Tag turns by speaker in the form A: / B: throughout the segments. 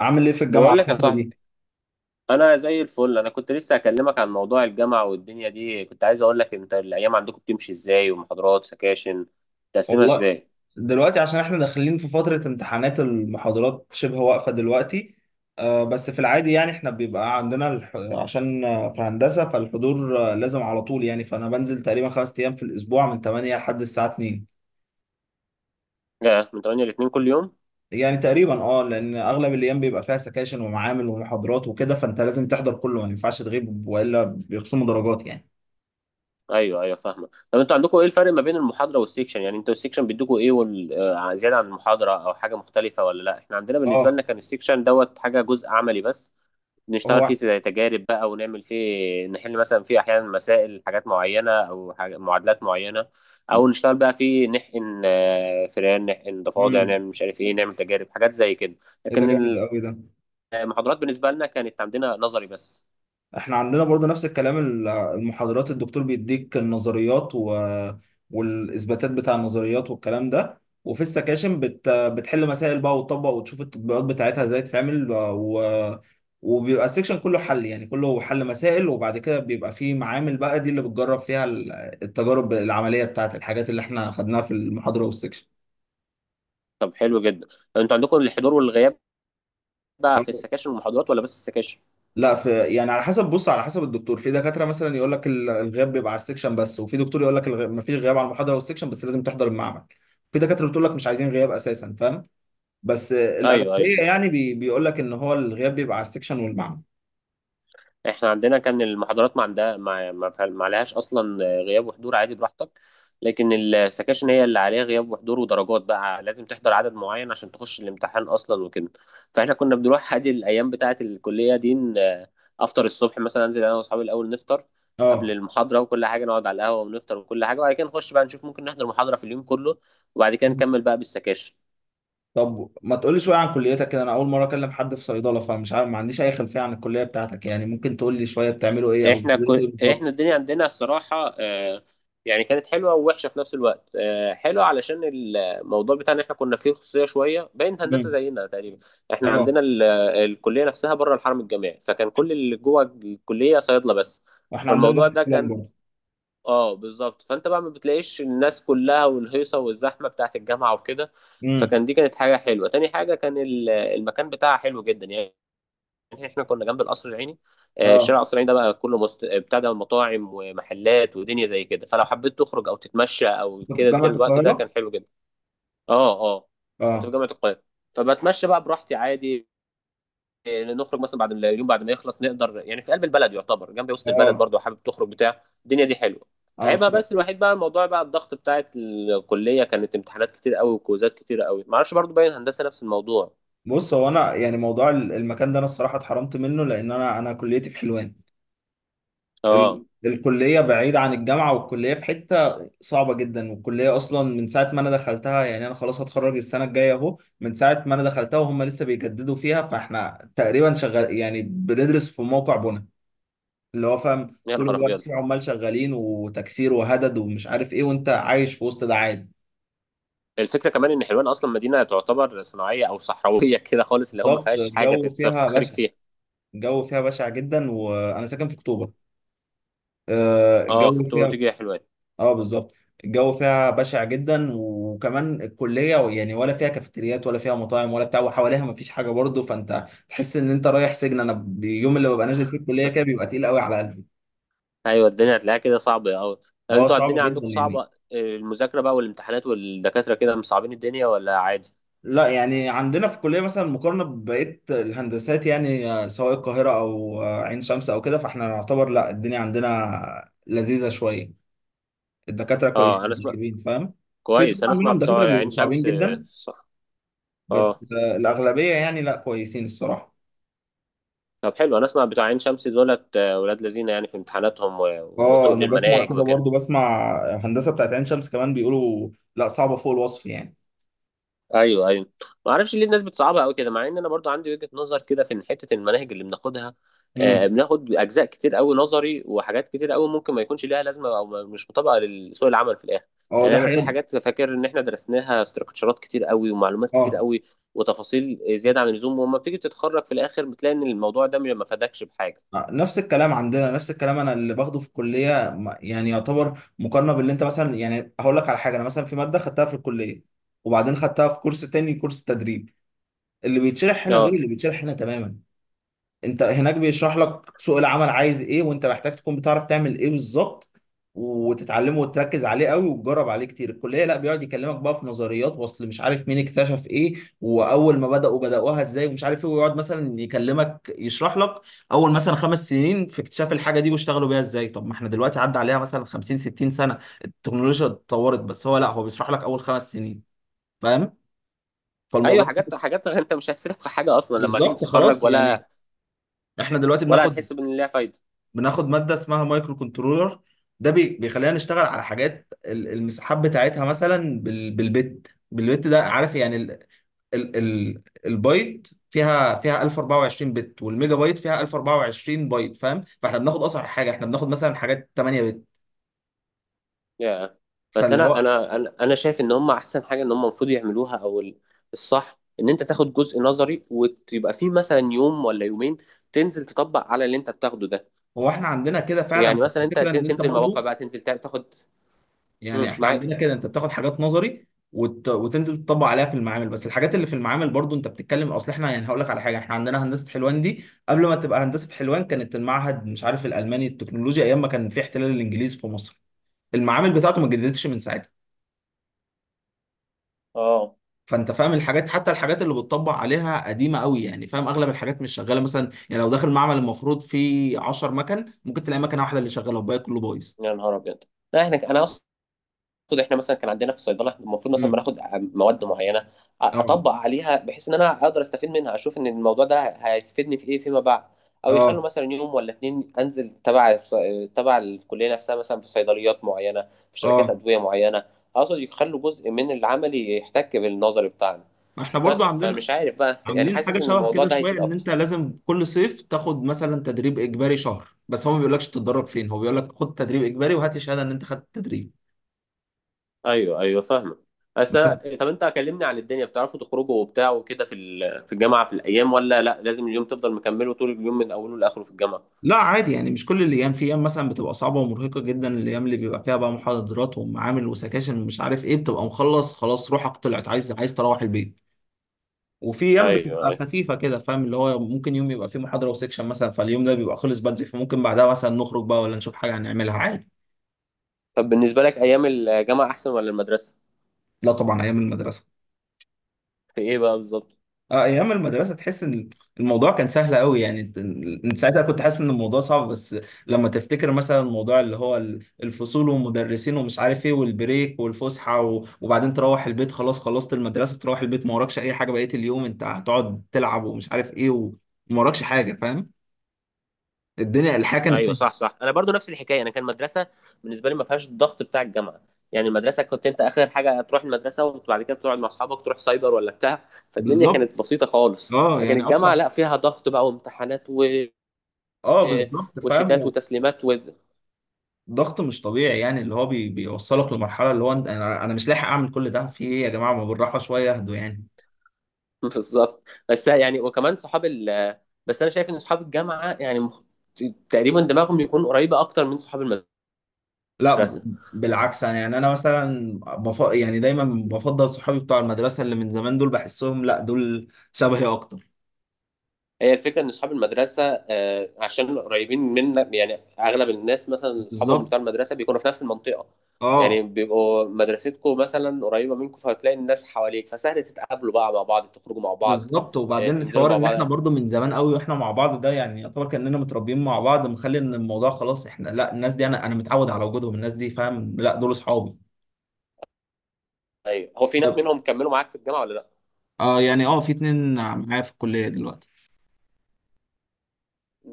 A: عامل ايه في الجامعة
B: بقول لك يا
A: الفترة دي؟
B: صاحبي، انا زي الفل. انا كنت لسه اكلمك عن موضوع الجامعه والدنيا دي. كنت عايز اقول لك انت الايام عندكم بتمشي ازاي، ومحاضرات سكاشن تقسمها
A: والله
B: ازاي؟
A: دلوقتي عشان احنا داخلين في فترة امتحانات، المحاضرات شبه واقفة دلوقتي. آه، بس في العادي يعني احنا بيبقى عندنا الح... عشان آه، في هندسة، فالحضور لازم على طول يعني، فانا بنزل تقريبا خمس ايام في الاسبوع من 8 لحد الساعة 2.
B: من 8 ل 2 كل يوم؟
A: يعني تقريبا اه، لان اغلب الايام بيبقى فيها سكاشن ومعامل ومحاضرات وكده، فانت لازم تحضر كله، ما ينفعش تغيب والا بيخصموا درجات يعني.
B: ايوه ايوه فاهمه. طب انتوا عندكم ايه الفرق ما بين المحاضره والسيكشن؟ يعني انتوا السيكشن بيدوكوا ايه وال... آه، زياده عن المحاضره او حاجه مختلفه ولا لا؟ احنا عندنا، بالنسبه لنا،
A: اه.
B: كان السيكشن دوت حاجه جزء عملي بس. نشتغل فيه
A: هو.
B: زي تجارب بقى ونعمل فيه، نحل مثلا فيه احيانا مسائل حاجات معينه او حاجة معادلات معينه، او نشتغل بقى فيه نحقن فئران، نحقن ضفادع،
A: امم.
B: نعمل مش عارف ايه، نعمل تجارب حاجات زي كده.
A: ايه ده،
B: لكن
A: جامد قوي ده.
B: المحاضرات بالنسبه لنا كانت عندنا نظري بس.
A: احنا عندنا برضو نفس الكلام، المحاضرات الدكتور بيديك النظريات والاثباتات بتاع النظريات والكلام ده، وفي السكاشن بتحل مسائل بقى وتطبق وتشوف التطبيقات بتاعتها ازاي تتعمل. وبيبقى السكشن كله حل، يعني كله حل مسائل، وبعد كده بيبقى فيه معامل بقى، دي اللي بتجرب فيها التجارب العملية بتاعت الحاجات اللي احنا خدناها في المحاضرة والسكشن.
B: طب حلو جدا. طب انتوا عندكم الحضور والغياب بقى في السكاشن والمحاضرات ولا بس السكاشن؟
A: لا، في. يعني على حسب، بص على حسب الدكتور، في دكاتره مثلا يقول لك الغياب بيبقى على السكشن بس، وفي دكتور يقول لك ما فيش غياب على المحاضره والسكشن، بس لازم تحضر المعمل. في دكاتره بتقول لك مش عايزين غياب اساسا، فاهم؟ بس
B: ايوه ايوه.
A: الاغلبيه يعني بيقول لك ان هو الغياب بيبقى على السكشن والمعمل.
B: احنا عندنا كان المحاضرات ما عندها ما ما فعل- ما عليهاش اصلا غياب وحضور، عادي براحتك. لكن السكاشن هي اللي عليها غياب وحضور ودرجات، بقى لازم تحضر عدد معين عشان تخش الامتحان اصلا وكده. فاحنا كنا بنروح عادي الايام بتاعه الكليه دي. افطر الصبح مثلا، انزل انا واصحابي الاول نفطر قبل
A: اه.
B: المحاضره وكل حاجه، نقعد على القهوه ونفطر وكل حاجه، وبعد كده نخش بقى نشوف ممكن نحضر محاضره في اليوم كله، وبعد كده نكمل بقى بالسكاشن.
A: طب ما تقولي شويه عن كليتك كده، انا اول مره اكلم حد في صيدله، فمش عارف، ما عنديش اي خلفيه عن الكليه بتاعتك، يعني ممكن تقول لي شويه بتعملوا ايه او بتدرسوا ايه
B: احنا
A: بالظبط.
B: الدنيا عندنا الصراحه، يعني كانت حلوه ووحشه في نفس الوقت. حلوه علشان الموضوع بتاعنا احنا كنا فيه خصوصيه شويه، باين هندسه
A: امم.
B: زينا تقريبا. احنا
A: اه،
B: عندنا الكليه نفسها بره الحرم الجامعي، فكان كل اللي جوه الكليه صيادله بس.
A: واحنا عندنا
B: فالموضوع
A: نفس
B: ده
A: الكلام
B: كان
A: برضه.
B: اه بالظبط. فانت بقى ما بتلاقيش الناس كلها والهيصه والزحمه بتاعت الجامعه وكده.
A: امم.
B: فكان دي كانت حاجه حلوه. تاني حاجه كان المكان بتاعها حلو جدا يعني. يعني احنا كنا جنب القصر العيني. شارع
A: اه،
B: القصر العيني ده بقى كله مست... بتاع ده مطاعم ومحلات ودنيا زي كده، فلو حبيت تخرج او تتمشى او
A: كنت في
B: كده ده
A: جامعه
B: الوقت ده كان
A: القاهره.
B: حلو جدا. اه اه، كنت في
A: اه
B: جامعه القاهره. فبتمشى بقى براحتي عادي. نخرج مثلا بعد ما- اليوم بعد ما يخلص نقدر، يعني في قلب البلد يعتبر، جنب وسط البلد
A: اه.
B: برضو، حابب تخرج بتاع، الدنيا دي حلوه.
A: انا
B: عيبها
A: بصراحه،
B: بس الوحيد بقى الموضوع بقى الضغط بتاعت الكليه، كانت امتحانات كتير قوي وكوزات كتير قوي، معرفش برضو باين هندسه نفس الموضوع.
A: بص هو انا، يعني موضوع المكان ده انا الصراحه اتحرمت منه، لان انا كليتي في حلوان.
B: اه،
A: الكليه بعيده عن الجامعه، والكليه في حته صعبه جدا، والكليه اصلا من ساعه ما انا دخلتها، يعني انا خلاص هتخرج السنه الجايه اهو، من ساعه ما انا دخلتها وهم لسه بيجددوا فيها، فاحنا تقريبا شغال، يعني بندرس في موقع بنا، اللي هو فاهم
B: يا
A: طول
B: نهار
A: الوقت
B: ابيض.
A: في عمال شغالين وتكسير وهدد ومش عارف ايه، وانت عايش في وسط ده عادي.
B: الفكره كمان ان حلوان اصلا مدينه تعتبر صناعيه او صحراويه كده خالص، اللي هو ما
A: بالظبط،
B: فيهاش حاجه
A: الجو فيها
B: تخرج
A: بشع.
B: فيها.
A: الجو فيها بشع جدا، وانا ساكن في اكتوبر.
B: اه، في
A: الجو
B: اكتوبر
A: فيها،
B: وتيجي يا حلوان.
A: اه بالظبط. الجو فيها بشع جدا، وكمان الكليه يعني ولا فيها كافيتريات ولا فيها مطاعم ولا بتاع، وحواليها مفيش حاجه برضه، فانت تحس ان انت رايح سجن. انا اليوم اللي ببقى نازل فيه الكليه كده بيبقى تقيل قوي على قلبي.
B: ايوه، الدنيا هتلاقيها كده صعبه قوي. طب
A: اه
B: انتوا
A: صعب
B: الدنيا
A: جدا
B: عندكم
A: يعني.
B: صعبه، المذاكره بقى والامتحانات والدكاتره كده مصعبين الدنيا ولا عادي؟
A: لا يعني عندنا في الكليه، مثلا مقارنه ببقيه الهندسات يعني سواء القاهره او عين شمس او كده، فاحنا نعتبر لا الدنيا عندنا لذيذه شويه، الدكاتره
B: اه انا
A: كويسين
B: اسمع.
A: طيبين، فاهم؟ في
B: كويس، انا
A: طبعا
B: اسمع
A: منهم
B: بتوع
A: دكاتره
B: عين
A: بيبقوا صعبين
B: شمس.
A: جدا،
B: صح.
A: بس
B: اه،
A: الأغلبية يعني لا كويسين الصراحة.
B: طب حلو، انا اسمع بتوع عين شمس دولت ولاد لذينه يعني في امتحاناتهم
A: اه
B: وتقل
A: انا بسمع
B: المناهج
A: كده
B: وكده.
A: برضو، بسمع هندسة بتاعت عين شمس كمان بيقولوا لا صعبة فوق الوصف يعني.
B: ايوه ايوه. ما اعرفش ليه الناس بتصعبها قوي كده، مع ان انا برضو عندي وجهة نظر كده في ان حتة المناهج اللي بناخدها، آه
A: امم.
B: بناخد اجزاء كتير قوي نظري وحاجات كتير قوي ممكن ما يكونش ليها لازمة او ما- مش مطابقة لسوق العمل في الاخر.
A: اه ده
B: يعني انا في
A: حقيقة.
B: حاجات فاكر ان احنا درسناها، استراكشرات كتير قوي ومعلومات كتير
A: اه
B: قوي وتفاصيل زيادة عن اللزوم، وما بتيجي تتخرج في الاخر بتلاقي ان الموضوع ده ما فادكش بحاجة.
A: نفس الكلام عندنا، نفس الكلام، انا اللي باخده في الكلية يعني يعتبر مقارنة باللي انت مثلا، يعني هقول لك على حاجة، انا مثلا في مادة خدتها في الكلية وبعدين خدتها في كورس تاني، كورس تدريب، اللي بيتشرح هنا غير
B: اه
A: اللي بيتشرح هنا تماما. انت هناك بيشرح لك سوق العمل عايز ايه، وانت محتاج تكون بتعرف تعمل ايه بالظبط وتتعلمه وتركز عليه قوي وتجرب عليه كتير. الكليه لا، بيقعد يكلمك بقى في نظريات، واصل مش عارف مين اكتشف ايه، واول ما بداوها ازاي ومش عارف ايه، ويقعد مثلا يكلمك يشرح لك اول مثلا خمس سنين في اكتشاف الحاجه دي، واشتغلوا بيها ازاي. طب ما احنا دلوقتي عدى عليها مثلا 50 60 سنه، التكنولوجيا اتطورت، بس هو لا، هو بيشرح لك اول خمس سنين، فاهم؟
B: ايوه،
A: فالموضوع،
B: حاجات انت مش هتفيدك في حاجة اصلا لما تيجي
A: بالظبط،
B: تتخرج،
A: خلاص يعني.
B: ولا
A: احنا دلوقتي
B: ولا هتحس بان ليها فايدة.
A: بناخد ماده اسمها مايكرو كنترولر، ده بيخلينا نشتغل على حاجات المساحات بتاعتها، مثلا بالبت، بالبت ده عارف يعني ال البايت فيها 1024 بت، والميجا بايت فيها 1024 بايت، فاهم؟ فاحنا بناخد اصغر حاجه، احنا بناخد مثلا حاجات 8 بت،
B: يا بس
A: فاللي
B: انا
A: هو،
B: انا انا أنا شايف ان هم احسن حاجه ان هم المفروض يعملوها، الصح ان انت تاخد جزء نظري، ويبقى فيه مثلا يوم ولا يومين تنزل تطبق على اللي انت بتاخده ده.
A: هو احنا عندنا كده فعلا،
B: يعني
A: بس
B: مثلا انت
A: الفكره ان انت
B: تنزل مواقع
A: برضو،
B: بقى، تنزل تاخد.
A: يعني
B: مم،
A: احنا
B: معاك.
A: عندنا كده، انت بتاخد حاجات نظري وتنزل تطبق عليها في المعامل، بس الحاجات اللي في المعامل برضو، انت بتتكلم، اصل احنا يعني هقول لك على حاجه، احنا عندنا هندسه حلوان دي قبل ما تبقى هندسه حلوان كانت المعهد مش عارف الالماني التكنولوجيا، ايام ما كان في احتلال الانجليز في مصر. المعامل بتاعته ما اتجددتش من ساعتها،
B: اه،
A: فانت فاهم الحاجات، حتى الحاجات اللي بتطبق عليها قديمه قوي يعني، فاهم؟ اغلب الحاجات مش شغاله، مثلا يعني لو داخل معمل المفروض فيه 10 مكن، ممكن تلاقي مكنه واحده اللي شغاله والباقي كله بايظ.
B: يا نهار ابيض. لا احنا، انا اصلا المفروض احنا مثلا كان عندنا في الصيدله المفروض مثلا
A: مم.
B: بناخد مواد معينه،
A: اه.
B: اطبق عليها بحيث ان انا اقدر استفيد منها، اشوف ان الموضوع ده هيفيدني في ايه فيما بعد. او يخلوا
A: اه.
B: مثلا يوم ولا اتنين انزل تبع الكليه نفسها مثلا، في صيدليات معينه، في شركات
A: اه.
B: ادويه معينه. اقصد يخلوا جزء من العملي يحتك بالنظري بتاعنا
A: ما احنا برضو
B: بس،
A: عندنا
B: فمش عارف بقى يعني،
A: عاملين حاجه
B: حاسس ان
A: شبه
B: الموضوع
A: كده
B: ده
A: شويه،
B: هيفيد
A: ان انت
B: اكتر.
A: لازم كل صيف تاخد مثلا تدريب اجباري شهر، بس هو ما بيقولكش تتدرب فين، هو بيقول لك خد تدريب اجباري وهات لي شهاده ان انت خدت تدريب
B: ايوه ايوه فاهمك.
A: بس.
B: طب انت كلمني عن الدنيا، بتعرفوا تخرجوا وبتاع وكده في في الجامعه في الايام، ولا لا لازم اليوم تفضل مكمله طول اليوم من اوله لاخره في الجامعه؟
A: لا عادي يعني، مش كل الايام، في ايام مثلا بتبقى صعبه ومرهقه جدا، الايام اللي بيبقى فيها بقى محاضرات ومعامل وسكاشن ومش عارف ايه، بتبقى مخلص خلاص روحك طلعت، عايز عايز تروح البيت. وفي ايام
B: ايوه
A: بتبقى
B: ايوه.
A: خفيفه كده، فاهم؟ اللي هو ممكن يوم يبقى فيه محاضره وسكشن مثلا، فاليوم ده بيبقى خلص بدري، فممكن بعدها مثلا نخرج بقى، ولا نشوف حاجه هنعملها عادي.
B: طب بالنسبه لك ايام الجامعه احسن ولا المدرسه؟
A: لا طبعا ايام المدرسه.
B: في ايه بقى بالظبط؟
A: اه ايام المدرسه تحس ان الموضوع كان سهل قوي، يعني انت ساعتها كنت حاسس ان الموضوع صعب، بس لما تفتكر مثلا الموضوع اللي هو الفصول والمدرسين ومش عارف ايه، والبريك والفسحه وبعدين تروح البيت، خلاص خلصت المدرسه، تروح البيت ما وراكش اي حاجه، بقيه اليوم انت هتقعد تلعب ومش عارف ايه، وما وراكش حاجه، فاهم؟ الدنيا، الحياه كانت
B: ايوه
A: سهله.
B: صح صح، انا برضو نفس الحكايه. انا كان مدرسه، بالنسبه لي ما فيهاش الضغط بتاع الجامعه. يعني المدرسه كنت انت اخر حاجه تروح المدرسه، وبعد كده تقعد مع اصحابك تروح سايبر ولا بتاع، فالدنيا
A: بالظبط.
B: كانت بسيطه خالص.
A: اه
B: لكن
A: يعني اقصى،
B: الجامعه لا، فيها ضغط بقى وامتحانات و
A: اه بالظبط،
B: وشتات
A: فاهم؟
B: وتسليمات و...
A: ضغط مش طبيعي يعني، اللي هو بيوصلك لمرحله اللي هو انت، انا مش لاحق اعمل كل ده، في ايه يا جماعه، ما بالراحه شويه، اهدوا يعني.
B: بالظبط. بس يعني وكمان صحاب ال بس انا شايف ان صحاب الجامعه يعني تقريبا دماغهم يكون قريبه اكتر من صحاب
A: لا
B: المدرسه.
A: بالعكس، انا يعني انا مثلا يعني دايما بفضل صحابي بتوع المدرسه اللي من زمان، دول بحسهم لا، دول شبهي اكتر.
B: هي الفكره ان صحاب المدرسه عشان قريبين منا يعني، اغلب الناس مثلا اصحابهم
A: بالظبط.
B: بتوع المدرسه بيكونوا في نفس المنطقه. يعني
A: اه
B: بيبقوا مدرستكم مثلا قريبه منكم، فهتلاقي الناس حواليك، فسهل تتقابلوا بقى مع بعض، تخرجوا مع بعض،
A: بالظبط، وبعدين
B: تنزلوا
A: الحوار
B: مع
A: ان
B: بعض.
A: احنا برضو من زمان قوي واحنا مع بعض ده، يعني يعتبر كاننا متربيين مع بعض، مخلي ان الموضوع خلاص احنا لا، الناس دي انا متعود على وجودهم، الناس دي فاهم؟ لا دول اصحابي.
B: ايوه، هو في ناس
A: طب.
B: منهم كملوا معاك في الجامعه ولا لا؟
A: اه يعني اه، في اتنين معايا في الكليه دلوقتي.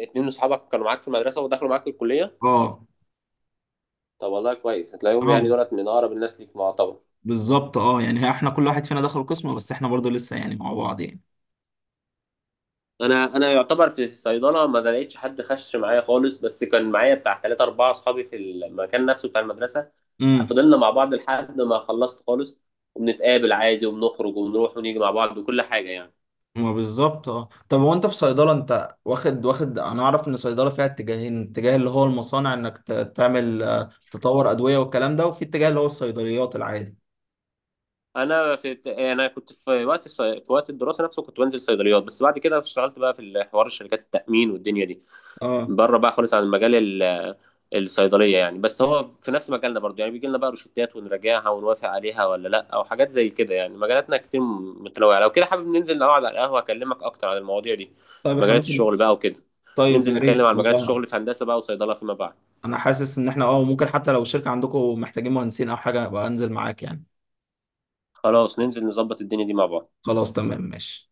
B: اتنين من صحابك كانوا معاك في المدرسه ودخلوا معاك الكليه؟
A: اه
B: طب والله كويس، هتلاقيهم يعني
A: اه،
B: دولت من اقرب الناس ليك معتبر.
A: بالظبط. اه يعني احنا كل واحد فينا دخل قسم، بس احنا برضو لسه يعني مع بعض يعني.
B: انا يعتبر في صيدله ما لقيتش حد خش معايا خالص، بس كان معايا بتاع 3 أو 4 أصحابي في المكان نفسه بتاع المدرسة.
A: امم.
B: فضلنا مع بعض لحد ما خلصت خالص، وبنتقابل عادي وبنخرج وبنروح ونيجي مع بعض وكل حاجة يعني.
A: ما بالظبط. اه طب هو انت في صيدلة، انت واخد، واخد انا اعرف ان صيدلة فيها اتجاهين، اتجاه اللي هو المصانع انك تعمل تطور ادوية والكلام ده، وفي اتجاه اللي هو الصيدليات العادي.
B: أنا في أنا كنت في في وقت الدراسة نفسه كنت بنزل صيدليات، بس بعد كده اشتغلت بقى في حوار شركات التأمين والدنيا دي،
A: اه.
B: بره بقى خالص عن المجال ال- الصيدلية يعني. بس هو في نفس مجالنا برضو، يعني بيجي لنا بقى روشتات ونراجعها ونوافق عليها ولا لا، او حاجات زي كده. يعني مجالاتنا كتير متنوعة، لو كده حابب ننزل نقعد على القهوة اكلمك اكتر عن المواضيع دي،
A: طيب احنا
B: مجالات
A: ممكن.
B: الشغل بقى وكده.
A: طيب يا
B: ننزل نتكلم
A: ريت
B: عن مجالات
A: والله.
B: الشغل في هندسة بقى وصيدلة فيما بعد.
A: انا حاسس ان احنا اه ممكن، حتى لو الشركة عندكم محتاجين مهندسين او حاجة، ابقى انزل معاك يعني.
B: خلاص، ننزل نظبط الدنيا دي مع بعض.
A: خلاص تمام ماشي.